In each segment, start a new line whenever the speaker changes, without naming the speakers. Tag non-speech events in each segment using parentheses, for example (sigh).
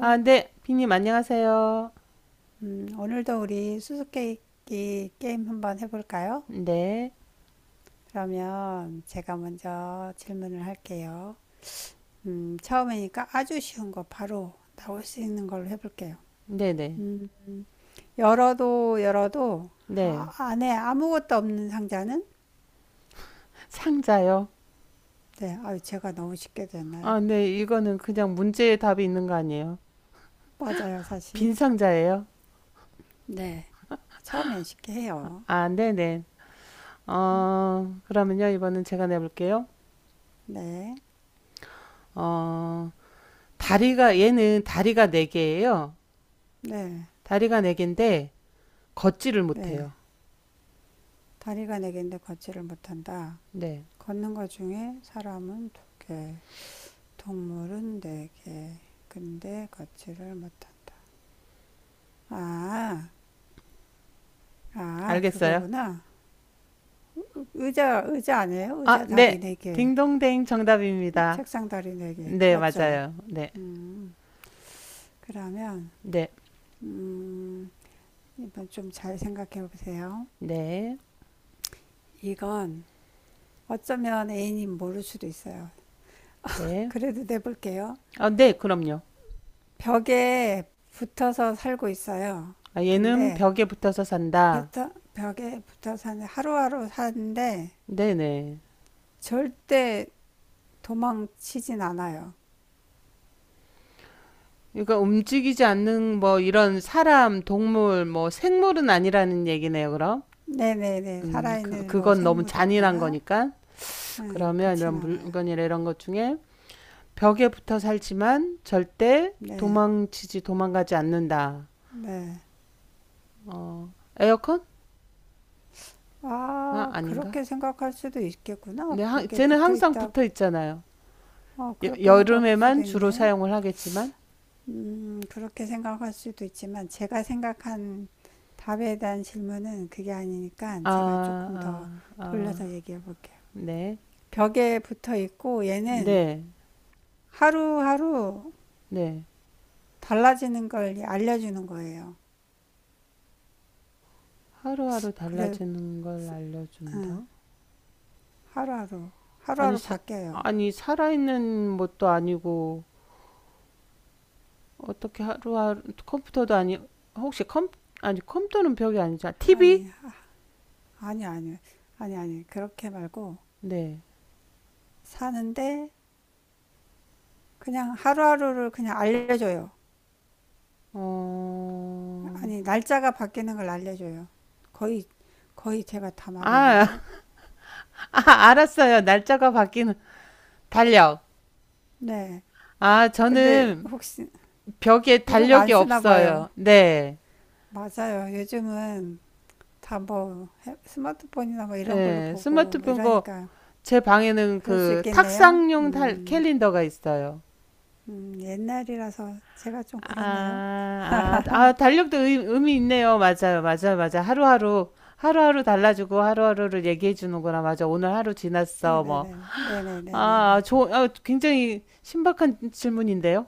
아, 네. 비님 안녕하세요.
오늘도 우리 수수께끼 게임 한번 해볼까요?
네.
그러면 제가 먼저 질문을 할게요. 처음이니까 아주 쉬운 거 바로 나올 수 있는 걸로 해볼게요.
네네.
음, 열어도 열어도
네.
안에 아무것도 없는 상자는?
상자요?
네, 아유, 제가 너무 쉽게 됐나요?
아, 네. 이거는 그냥 문제의 답이 있는 거 아니에요?
맞아요, 사실.
빈 상자예요?
네, 처음엔 쉽게 해요.
아, 네네. 그러면요. 이번엔 제가 내볼게요.
네,
어, 얘는 다리가 네개예요.
네,
다리가 네개인데 걷지를
네.
못해요.
다리가 네 개인데 걷지를 못한다.
네.
걷는 것 중에 사람은 두 개, 동물은 네 개, 근데 걷지를 못한다. 아, 아,
알겠어요?
그거구나. 의자, 의자 아니에요?
아,
의자 다리
네.
네 개,
딩동댕 정답입니다.
책상 다리 네 개,
네,
맞죠?
맞아요. 네.
음, 그러면,
네.
음, 이번 좀 잘 생각해 보세요.
네.
이건 어쩌면 애인이 모를 수도 있어요.
네.
그래도 내볼게요.
아, 네. 그럼요.
벽에 붙어서 살고 있어요.
아, 얘는
근데
벽에 붙어서 산다.
벽 벽에 붙어 사는 하루하루 사는데
네네.
절대 도망치진 않아요.
그러니까 움직이지 않는 뭐 이런 사람, 동물, 뭐 생물은 아니라는 얘기네요, 그럼.
네네네
그,
살아있는 뭐
그건 너무 잔인한
생물이거나
거니까.
응그
그러면 이런
진 않아요.
물건이나 이런 것 중에 벽에 붙어 살지만 절대
네
도망치지, 도망가지 않는다.
네.
에어컨? 아,
아
아닌가?
그렇게 생각할 수도 있겠구나.
네, 하,
벽에
쟤는
붙어
항상
있다.
붙어 있잖아요.
어
여,
그렇게 생각할 수도
여름에만 주로
있네.
사용을 하겠지만.
그렇게 생각할 수도 있지만 제가 생각한 답에 대한 질문은 그게 아니니까
아,
제가 조금 더
아, 아,
돌려서 얘기해 볼게요.
네.
벽에 붙어 있고 얘는
네,
하루하루
네.
달라지는 걸 알려주는 거예요.
하루하루
그래
달라지는 걸 알려준다?
하루하루
아니,
하루하루
사,
바뀌어요.
아니, 살아있는 것도 아니고, 어떻게 하루하루, 컴퓨터도 아니, 혹시 컴, 아니, 컴퓨터는 벽이 아니잖아. TV?
아니 아니 아니 아니 그렇게 말고
네.
사는데 그냥 하루하루를 그냥 알려줘요.
어,
아니 날짜가 바뀌는 걸 알려줘요. 거의 거의 제가 다
아,
말했는데
(laughs) 아, 알았어요. 날짜가 바뀌는, 달력.
네
아,
근데
저는
혹시
벽에
이런 거 안
달력이
쓰나 봐요.
없어요. 네.
맞아요. 요즘은 다 뭐 스마트폰이나 뭐 이런 걸로
네,
보고 뭐
스마트폰 거,
이러니까
제 방에는
그럴 수
그
있겠네요.
탁상용 달, 캘린더가 있어요.
옛날이라서 제가 좀 그렇네요.
아, 아, 아, 달력도 의, 의미 있네요. 맞아요, 맞아요, 맞아. 하루하루, 하루하루 달라지고 하루하루를 얘기해 주는구나. 맞아. 오늘 하루 지났어. 뭐.
네네네.
아, 아,
네네네네네.
조, 아, 굉장히 신박한 질문인데요.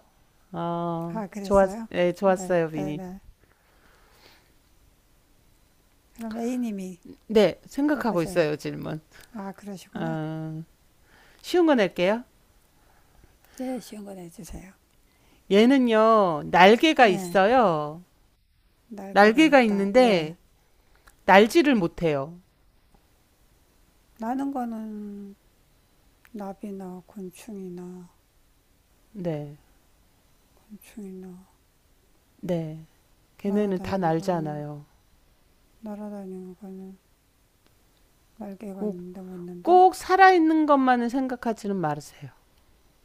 아,
아,
좋았,
그랬어요?
네, 좋았어요, 비니.
네네네. 그럼 A님이
네, 생각하고
내보세요.
있어요, 질문.
아, 그러시구나.
아, 쉬운 거 낼게요.
네, 쉬운 거 내주세요.
얘는요, 날개가
네,
있어요.
날개가
날개가
있다. 네.
있는데, 날지를 못해요.
나는 거는 나비나 곤충이나,
네,
곤충이나,
네. 걔네는 다
날아다니는 거는,
날잖아요.
날아다니는 거는 날개가 있는데 못 난다?
꼭 살아있는 것만을 생각하지는 마세요.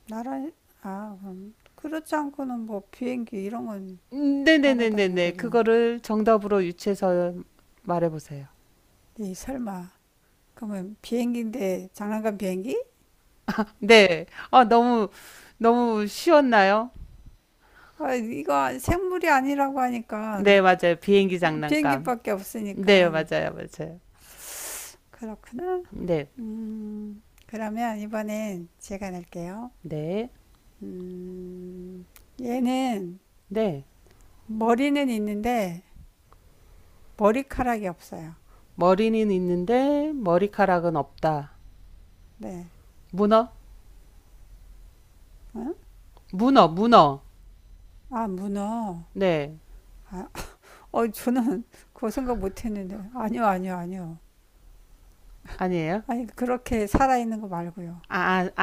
날아, 아, 그럼. 그렇지 않고는 뭐 비행기 이런 건 날아다니는
네네네네네.
거죠.
그거를 정답으로 유추해서 말해보세요.
이 설마 그러면 비행기인데 장난감 비행기?
네. 아, 너무, 너무 쉬웠나요?
아, 이거 생물이 아니라고 하니까
네, 맞아요. 비행기 장난감.
비행기밖에
네,
없으니까
맞아요. 맞아요.
그렇구나.
네.
그러면 이번엔 제가 낼게요.
네.
음, 얘는
네.
머리는 있는데 머리카락이 없어요.
머리는 있는데 머리카락은 없다.
네.
문어?
어?
문어, 문어.
아, 문어.
네.
아, 저는 그거 생각 못 했는데. 아니요, 아니요, 아니요.
아니에요?
아니, 그렇게 살아있는 거 말고요.
아, 아,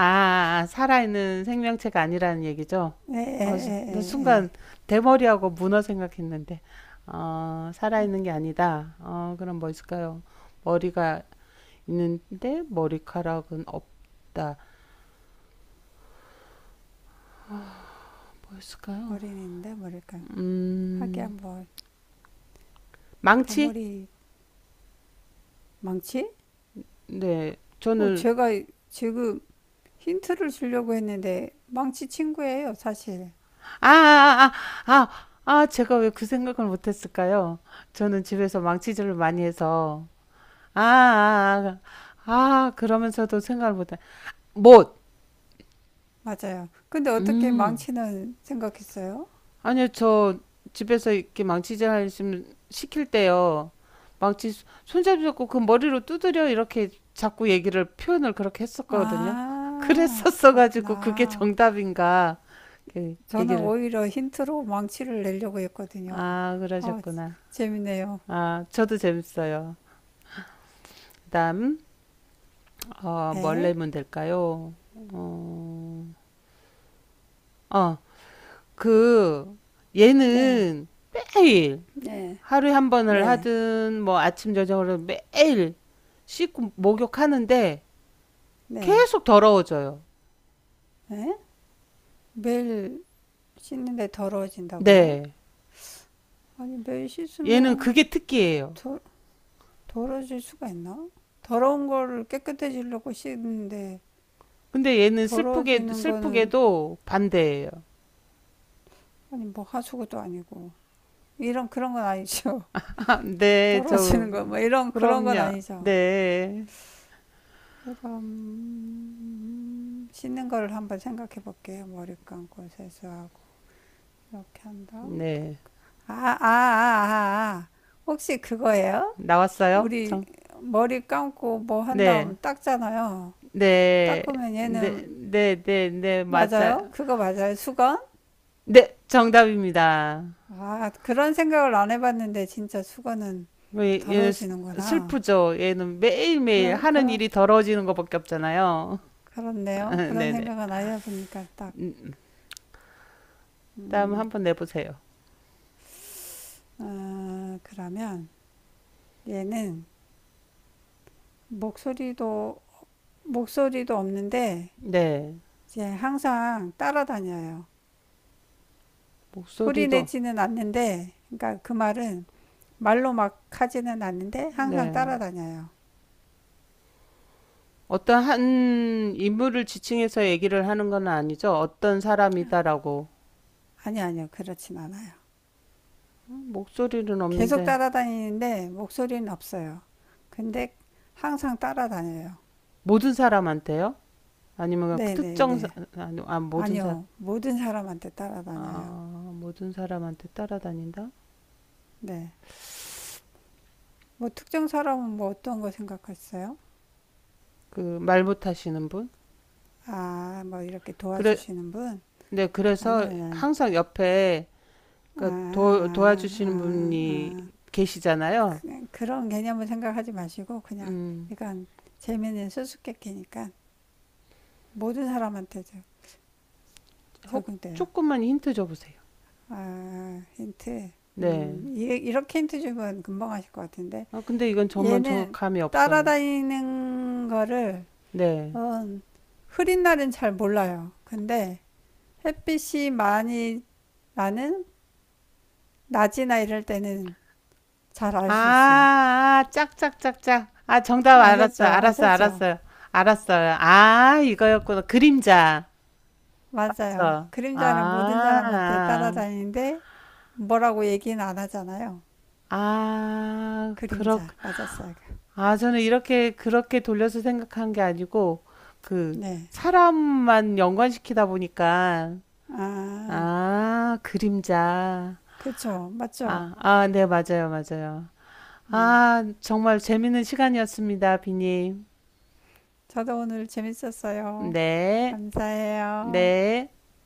아, 살아있는 생명체가 아니라는 얘기죠?
네.. 예
수- 나
예
순간
예
대머리하고 문어 생각했는데, 어, 살아있는 게 아니다. 어, 그럼 뭐 있을까요? 머리가 있는데 머리카락은 없다. 뭐 있을까요?
머리인데 뭐랄까 하기
음,
한번..
망치?
대머리 망치?
네,
어
저는,
제가 지금 힌트를 주려고 했는데 망치 친구예요 사실
아, 아, 아, 아, 아, 아, 제가 왜 그 생각을 못했을까요? 저는 집에서 망치질을 많이 해서, 아, 아, 아, 아, 그러면서도 생각을 못했어요. 못.
맞아요 근데 어떻게
음.
망치는 생각했어요?
아니요, 저 집에서 이렇게 망치질 하시면 시킬 때요. 망치 손잡이 잡고 그 머리로 두드려 이렇게 자꾸 얘기를 표현을 그렇게 했었거든요. (laughs)
아
그랬었어 가지고 그게
그렇구나
정답인가 이렇게
저는
얘기를.
오히려 힌트로 망치를 내려고 했거든요
아,
아
그러셨구나.
재밌네요
아, 저도 재밌어요. 그다음 어, 뭘
네
내면 될까요? 어, 어, 그
네
얘는 매일
네
하루에 한 번을
네
하든 뭐 아침 저녁으로 매일 씻고 목욕하는데
네
계속 더러워져요.
네? 매일 씻는데 더러워진다고요?
네.
아니 매일
얘는
씻으면
그게 특기예요.
더, 더러질 수가 있나? 더러운 거를 깨끗해지려고 씻는데
근데 얘는 슬프게
더러워지는 거는
슬프게도 반대예요.
아니 뭐 하수구도 아니고 이런 그런 건 아니죠.
(laughs) 아,
(laughs)
네, 저.
더러워지는 거 뭐 이런 그런 건
그럼요.
아니죠.
네.
그럼 씻는 거를 한번 생각해 볼게요. 머리 감고 세수하고 이렇게 한 다음
네.
아아아아 아, 아. 아. 아, 아. 혹시 그거예요?
나왔어요?
우리
정.
머리 감고 뭐 한 다음
네.
닦잖아요.
네.
닦으면
네,
얘는
네, 네, 네,
맞아요.
맞아.
그거 맞아요. 수건?
네, 정답입니다.
아, 그런 생각을 안 해봤는데 진짜 수건은
얘는 슬-
더러워지는구나.
프죠. 얘는 매일매일
그러,
하는
그러,
일이 더러워지는 것밖에 없잖아요.
그렇네요.
(laughs)
그런
네네.
생각은 안 해보니까 딱,
음, 음. 다음
음,
한번 내보세요.
아, 그러면 얘는 목소리도, 목소리도 없는데
네.
이제 항상 따라다녀요. 소리
목소리도,
내지는 않는데, 그러니까 그 말은 말로 막 하지는 않는데 항상
네.
따라다녀요.
어떤 한 인물을 지칭해서 얘기를 하는 건 아니죠. 어떤 사람이다라고.
아니, 아니요. 그렇진 않아요.
목소리는
계속
없는데.
따라다니는데 목소리는 없어요. 근데 항상 따라다녀요.
모든 사람한테요? 아니면 그 특정, 사,
네네네.
아니, 아, 모든 사,
아니요. 모든 사람한테 따라다녀요.
아, 모든 사람한테 따라다닌다?
네. 뭐 특정 사람은 뭐 어떤 거 생각했어요?
그, 말 못하시는 분?
아, 뭐 이렇게
그래,
도와주시는 분?
네,
아니요,
그래서
아니요.
항상 옆에
아, 아,
그러니까 도, 도와주시는
아, 아.
분이
아.
계시잖아요.
그, 그런 개념을 생각하지 마시고 그냥
음,
이건 재미있는 수수께끼니까 모든 사람한테
혹
적용돼요.
조금만 힌트 줘보세요.
아, 힌트.
네.
이- 이렇게 힌트 주면 금방 하실 것 같은데.
아, 근데 이건 정말 정
얘는
감이 없어요.
따라다니는 거를,
네.
음, 흐린 날은 잘 몰라요. 근데 햇빛이 많이 나는 낮이나 이럴 때는 잘 알 수 있어요.
아, 아, 짝짝짝짝. 아, 정답 알았어.
아셨죠?
알았어.
아셨죠?
알았어요. 알았어요. 아, 이거였구나. 그림자.
맞아요.
그쵸? 아,
그림자는 모든 사람한테
아,
따라다니는데 뭐라고 얘기는 안 하잖아요.
아, 그렇,
그림자. 맞았어요.
아, 저는 이렇게, 그렇게 돌려서 생각한 게 아니고, 그,
네.
사람만 연관시키다 보니까,
아,
아, 그림자.
그쵸. 맞죠?
아, 아, 네, 맞아요, 맞아요.
음.
아, 정말 재밌는 시간이었습니다, 비님.
저도 오늘 재밌었어요.
네,
감사해요.
네.